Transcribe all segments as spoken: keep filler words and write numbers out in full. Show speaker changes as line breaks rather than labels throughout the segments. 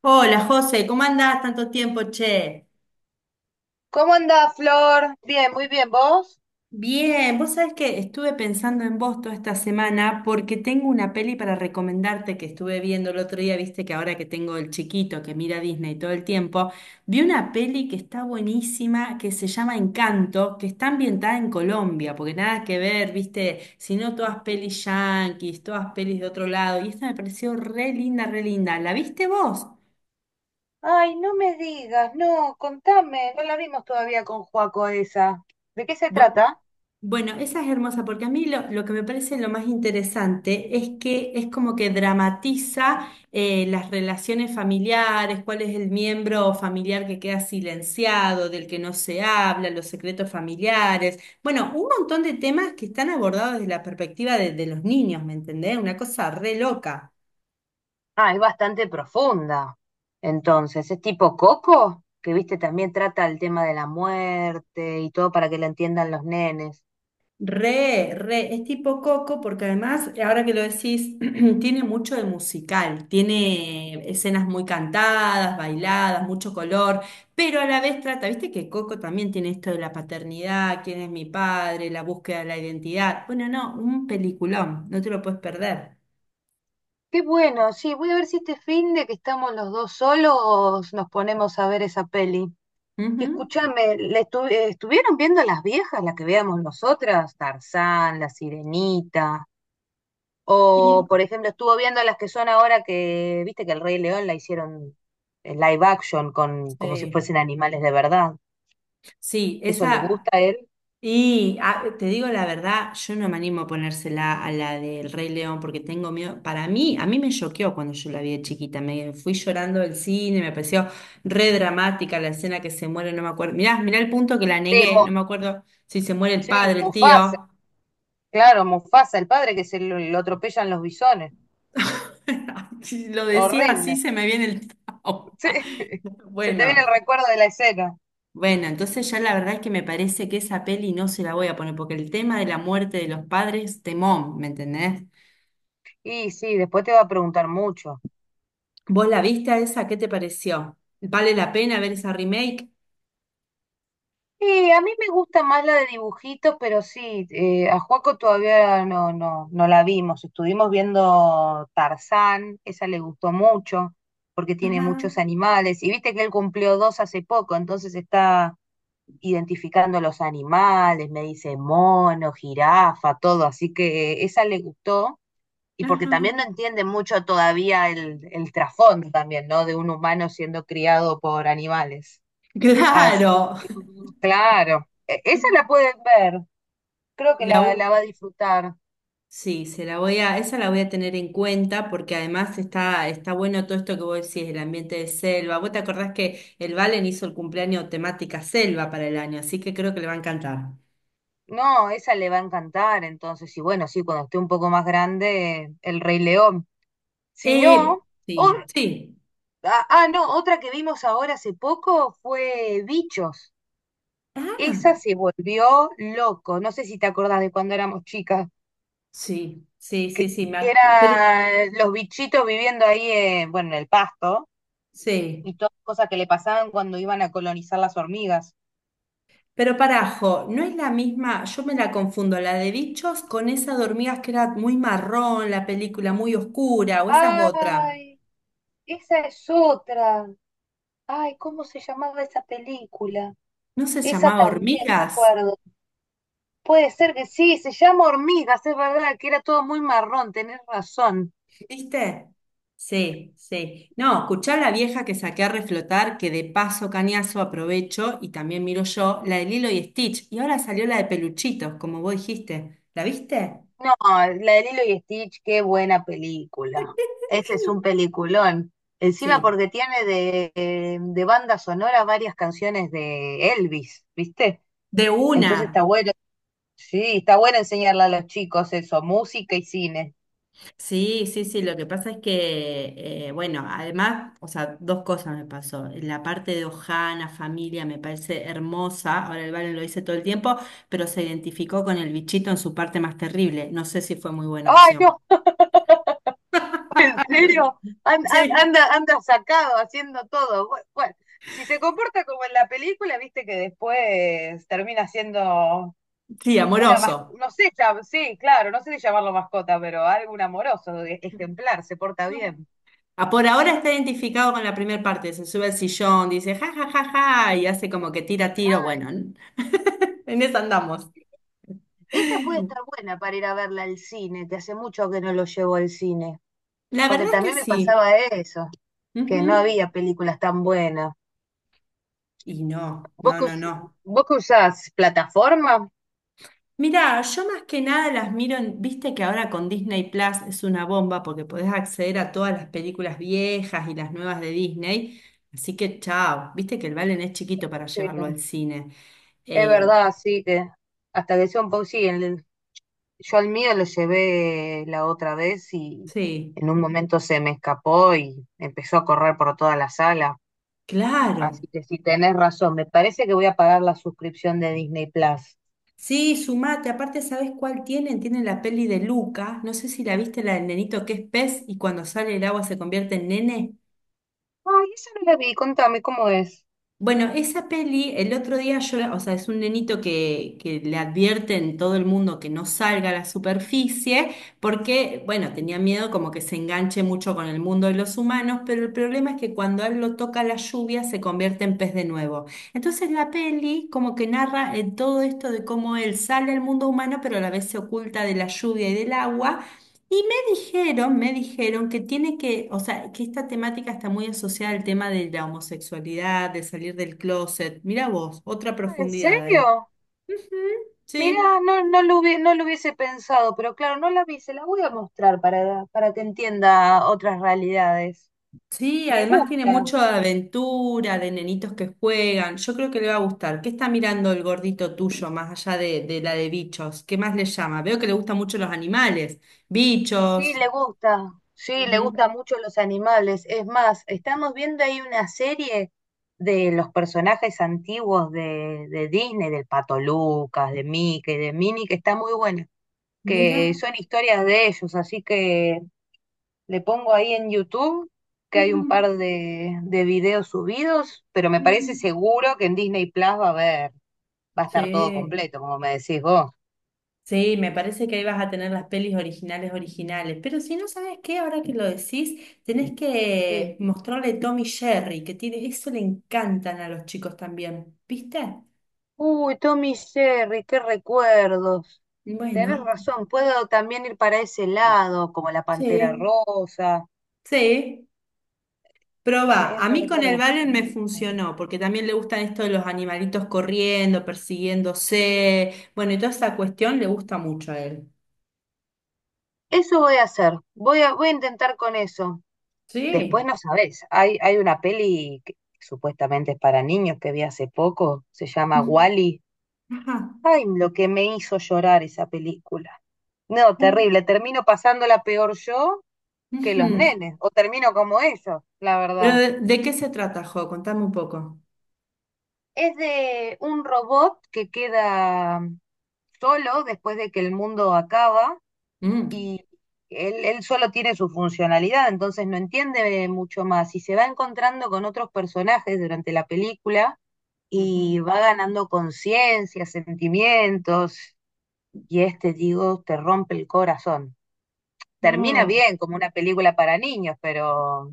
Hola José, ¿cómo andás tanto tiempo, che?
¿Cómo andás, Flor? Bien, muy bien, ¿vos?
Bien, vos sabés que estuve pensando en vos toda esta semana porque tengo una peli para recomendarte que estuve viendo el otro día, viste que ahora que tengo el chiquito que mira Disney todo el tiempo, vi una peli que está buenísima, que se llama Encanto, que está ambientada en Colombia, porque nada que ver, viste, sino todas pelis yanquis, todas pelis de otro lado, y esta me pareció re linda, re linda. ¿La viste vos?
Ay, no me digas, no, contame, no la vimos todavía con Joaco esa. ¿De qué se
Bu-
trata?
Bueno, esa es hermosa porque a mí lo, lo que me parece lo más interesante es que es como que dramatiza eh, las relaciones familiares, cuál es el miembro familiar que queda silenciado, del que no se habla, los secretos familiares. Bueno, un montón de temas que están abordados desde la perspectiva de, de los niños, ¿me entendés? Una cosa re loca.
Ah, es bastante profunda. Entonces, ¿es tipo Coco? Que viste, también trata el tema de la muerte y todo para que lo entiendan los nenes.
Re, re, es tipo Coco porque además, ahora que lo decís, tiene mucho de musical, tiene escenas muy cantadas, bailadas, mucho color, pero a la vez trata, viste que Coco también tiene esto de la paternidad, quién es mi padre, la búsqueda de la identidad. Bueno, no, un peliculón, no te lo puedes perder.
Qué bueno, sí, voy a ver si este fin de que estamos los dos solos nos ponemos a ver esa peli. Y
Ujú.
escúchame, ¿le estu- eh, estuvieron viendo las viejas, las que veamos nosotras? Tarzán, La Sirenita, o
Y
por ejemplo, estuvo viendo las que son ahora que, viste que el Rey León la hicieron en live action con como si
sí.
fuesen animales de verdad.
Sí,
¿Eso le
esa.
gusta a él?
Y ah, te digo la verdad, yo no me animo a ponérsela a la del Rey León porque tengo miedo. Para mí, a mí me choqueó cuando yo la vi de chiquita. Me fui llorando del cine, me pareció re dramática la escena que se muere, no me acuerdo. Mirá, mirá el punto que la
Sí,
negué,
Mu-
no me acuerdo si se muere el
sí,
padre, el
Mufasa,
tío.
claro, Mufasa, el padre que se lo, lo atropellan los bisones.
Si lo decía así,
Horrible.
se me viene el trauma.
Sí, se te viene el
Bueno.
recuerdo de la escena.
Bueno, entonces ya la verdad es que me parece que esa peli no se la voy a poner, porque el tema de la muerte de los padres, temón, ¿me entendés?
Y sí, después te va a preguntar mucho.
¿Vos la viste a esa? ¿Qué te pareció? ¿Vale la pena ver esa remake?
Y a mí me gusta más la de dibujitos, pero sí, eh, a Juaco todavía no, no, no la vimos. Estuvimos viendo Tarzán, esa le gustó mucho, porque tiene
Ajá,
muchos animales. Y viste que él cumplió dos hace poco, entonces está identificando los animales, me dice mono, jirafa, todo. Así que esa le gustó. Y porque
ajá.
también no entiende mucho todavía el, el trasfondo también, ¿no? De un humano siendo criado por animales. Así
Claro.
que, mm, claro, e- esa la pueden ver, creo que
La,
la, la
vo-
va a disfrutar.
sí, se la voy a, esa la voy a tener en cuenta porque además está, está bueno todo esto que vos decís, el ambiente de selva. Vos te acordás que el Valen hizo el cumpleaños temática selva para el año, así que creo que le va a encantar.
No, esa le va a encantar, entonces, y bueno, sí, cuando esté un poco más grande, El Rey León. Si
Eh,
no, o-
sí, sí.
ah, ah, no, otra que vimos ahora hace poco fue Bichos.
Ah.
Esa se volvió loco, no sé si te acordás de cuando éramos chicas.
Sí, sí, sí,
que,
sí, me
que
ac- pero
eran los bichitos viviendo ahí, eh, bueno, en el pasto,
sí,
y todas las cosas que le pasaban cuando iban a colonizar las hormigas.
pero parajo, no es la misma, yo me la confundo, la de Bichos con esa de hormigas que era muy marrón, la película muy oscura, o esa es otra.
Ay, esa es otra. Ay, ¿cómo se llamaba esa película?
¿No se
Esa
llamaba
también me
Hormigas?
acuerdo. Puede ser que sí, se llama Hormigas, es verdad, que era todo muy marrón, tenés razón.
¿Viste? Sí, sí. No, escuchá la vieja que saqué a reflotar, que de paso cañazo aprovecho y también miro yo, la de Lilo y Stitch, y ahora salió la de Peluchitos, como vos dijiste. ¿La viste?
No, la de Lilo y Stitch, qué buena película. Ese es un peliculón. Encima
Sí,
porque tiene de, eh, de banda sonora varias canciones de Elvis, ¿viste?
de
Entonces está
una.
bueno, sí, está bueno enseñarle a los chicos eso, música y cine.
Sí, sí, sí, lo que pasa es que, eh, bueno, además, o sea, dos cosas me pasó. La parte de Ojana, familia, me parece hermosa. Ahora el Valen lo dice todo el tiempo, pero se identificó con el bichito en su parte más terrible. No sé si fue muy buena
Ay,
opción.
no, en serio, An- an-
Sí.
anda, anda sacado haciendo todo. Bu- Bueno, si se comporta como en la película, viste que después termina siendo
Sí,
una
amoroso.
mascota, no sé, ya- sí, claro, no sé si llamarlo mascota, pero algo un amoroso, e- ejemplar, se porta bien.
Ah, por ahora está identificado con la primera parte. Se sube al sillón, dice ja, ja, ja, ja, y hace como que tira tiro. Bueno, en eso andamos.
Esa puede estar buena para ir a verla al cine, que hace mucho que no lo llevo al cine,
La
porque
verdad es que
también me
sí.
pasaba eso, que no
Ujú.
había películas tan buenas.
Y no,
¿Vos
no,
que,
no,
us-
no.
vos que usás plataforma?
Mirá, yo más que nada las miro en, viste que ahora con Disney Plus es una bomba porque podés acceder a todas las películas viejas y las nuevas de Disney. Así que chao, viste que el Valen es chiquito para
Sí,
llevarlo al cine.
es
Eh,
verdad, sí, que hasta que sea un poco, sí, el- yo al mío lo llevé la otra vez y
sí,
en un momento se me escapó y empezó a correr por toda la sala.
claro.
Así que si tenés razón. Me parece que voy a pagar la suscripción de Disney Plus.
Sí, sumate. Aparte, ¿sabés cuál tienen? Tienen la peli de Luca. No sé si la viste, la del nenito que es pez y cuando sale el agua se convierte en nene.
Ay, esa no la vi. Contame cómo es.
Bueno, esa peli, el otro día yo, la- o sea, es un nenito que, que le advierte en todo el mundo que no salga a la superficie, porque, bueno, tenía miedo como que se enganche mucho con el mundo de los humanos, pero el problema es que cuando a él lo toca la lluvia se convierte en pez de nuevo. Entonces la peli como que narra eh, todo esto de cómo él sale al mundo humano, pero a la vez se oculta de la lluvia y del agua dijeron, me dijeron que tiene que, o sea, que esta temática está muy asociada al tema de la homosexualidad, de salir del closet. Mira vos, otra
Ah, ¿en
profundidad ahí.
serio?
Ujú, sí.
Mira, no, no lo hubie- no lo hubiese pensado, pero claro, no la vi. Se la voy a mostrar para, para que entienda otras realidades.
Sí,
Me
además tiene
gusta.
mucho de aventura, de nenitos que juegan. Yo creo que le va a gustar. ¿Qué está mirando el gordito tuyo más allá de, de la de bichos? ¿Qué más le llama? Veo que le gustan mucho los animales.
Sí,
Bichos.
le gusta. Sí, le
Ujú.
gustan mucho los animales. Es más, estamos viendo ahí una serie de los personajes antiguos de, de Disney, del Pato Lucas, de Mickey, de Minnie, que está muy buena. Que
Mira.
son historias de ellos, así que le pongo ahí en YouTube que hay
Ujú,
un par de, de videos subidos, pero me parece
ujú.
seguro que en Disney Plus va a haber, va a estar todo
Sí.
completo, como me decís vos.
Sí, me parece que ahí vas a tener las pelis originales originales. Pero si no sabes qué, ahora que lo decís, tenés
Sí.
que mostrarle Tommy Jerry, que tiene, eso le encantan a los chicos también. ¿Viste?
Uy, Tommy y Jerry, qué recuerdos. Tenés
Bueno,
razón, puedo también ir para ese lado, como la Pantera
sí,
Rosa.
sí. Probá.
Es
A mí con el
verdad.
Valen me funcionó, porque también le gustan esto de los animalitos corriendo, persiguiéndose. Bueno, y toda esa cuestión le gusta mucho a él.
Eso voy a hacer. Voy a, voy a intentar con eso. Después
Sí.
no sabés, hay, hay una peli que supuestamente es para niños que vi hace poco, se llama Wall-E.
Mm, ajá.
Ay, lo que me hizo llorar esa película. No,
Ah,
terrible, termino pasándola peor yo que los
ujú.
nenes, o termino como ellos, la
¿Pero
verdad.
de, de qué se trata, Jo? Contame un poco.
Es de un robot que queda solo después de que el mundo acaba
Mm,
y él, él solo tiene su funcionalidad, entonces no entiende mucho más y se va encontrando con otros personajes durante la película
ujú.
y va ganando conciencia, sentimientos, y este, digo, te rompe el corazón. Termina
No.
bien, como una película para niños, pero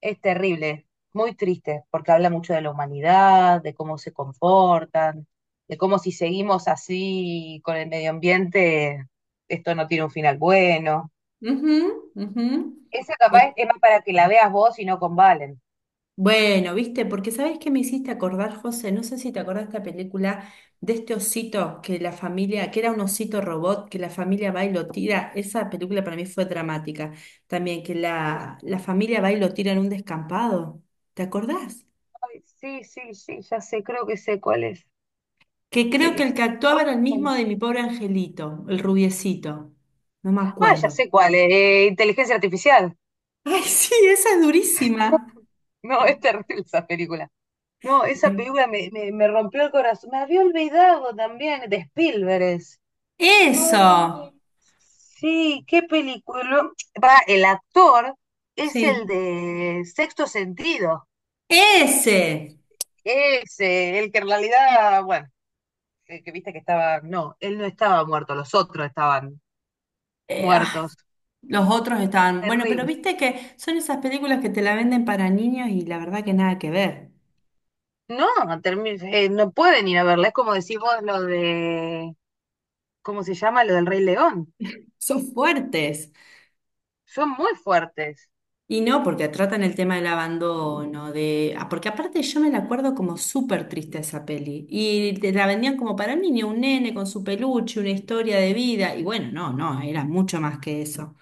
es terrible, muy triste, porque habla mucho de la humanidad, de cómo se comportan, de cómo si seguimos así con el medio ambiente, esto no tiene un final bueno.
Ujú, ujú.
Esa capaz
Eh,
es más para que la veas vos y no con Valen.
bueno, viste, porque sabes que me hiciste acordar, José, no sé si te acordás de esta película de este osito que la familia, que era un osito robot, que la familia va y lo tira. Esa película para mí fue dramática también, que
Ay,
la, la familia va y lo tira en un descampado. ¿Te acordás?
ay, sí, sí, sí, ya sé, creo que sé cuál es.
Que creo que el
Eh,
que actuaba era el mismo de mi pobre angelito, el rubiecito. No me
Ah, ya
acuerdo.
sé cuál, eh, Inteligencia Artificial.
Ay, sí, esa es
No,
durísima.
no, es terrible esa película. No, esa película me, me, me rompió el corazón. Me había olvidado también de Spielberg. Es.
Eso,
Ay, sí, qué película. Pará, el actor es el
sí,
de Sexto Sentido.
ese.
Es eh, el que en realidad, bueno, que, que viste que estaba. No, él no estaba muerto, los otros estaban
Eh, ay,
muertos.
los otros estaban. Bueno, pero
Terrible.
viste que son esas películas que te la venden para niños y la verdad que nada que ver.
No, termi- eh, no pueden ir a verla. Es como decís vos lo de ¿cómo se llama? Lo del Rey León.
Son fuertes.
Son muy fuertes.
Y no, porque tratan el tema del abandono, de... ah, porque aparte yo me la acuerdo como súper triste esa peli. Y te la vendían como para niño, un nene con su peluche, una historia de vida. Y bueno, no, no, era mucho más que eso.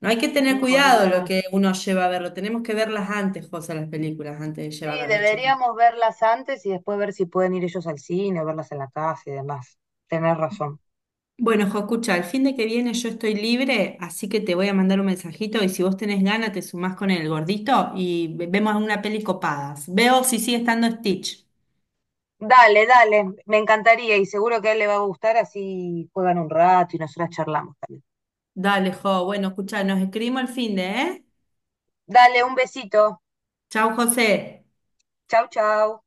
No hay que tener
No, es
cuidado lo
verdad.
que uno lleva a verlo. Tenemos que verlas antes, José, las películas, antes de
Sí,
llevar a los chicos.
deberíamos verlas antes y después ver si pueden ir ellos al cine, o verlas en la casa y demás. Tenés razón.
Bueno, Jo, escucha, el fin de que viene yo estoy libre, así que te voy a mandar un mensajito y si vos tenés ganas te sumás con el gordito y ve- vemos una peli copadas. Veo si sigue estando Stitch.
Dale, dale, me encantaría y seguro que a él le va a gustar, así juegan un rato y nosotras charlamos también.
Dale, Jo. Bueno, escucha, nos escribimos el fin de, ¿eh?
Dale, un besito.
Chau, José.
Chau, chau.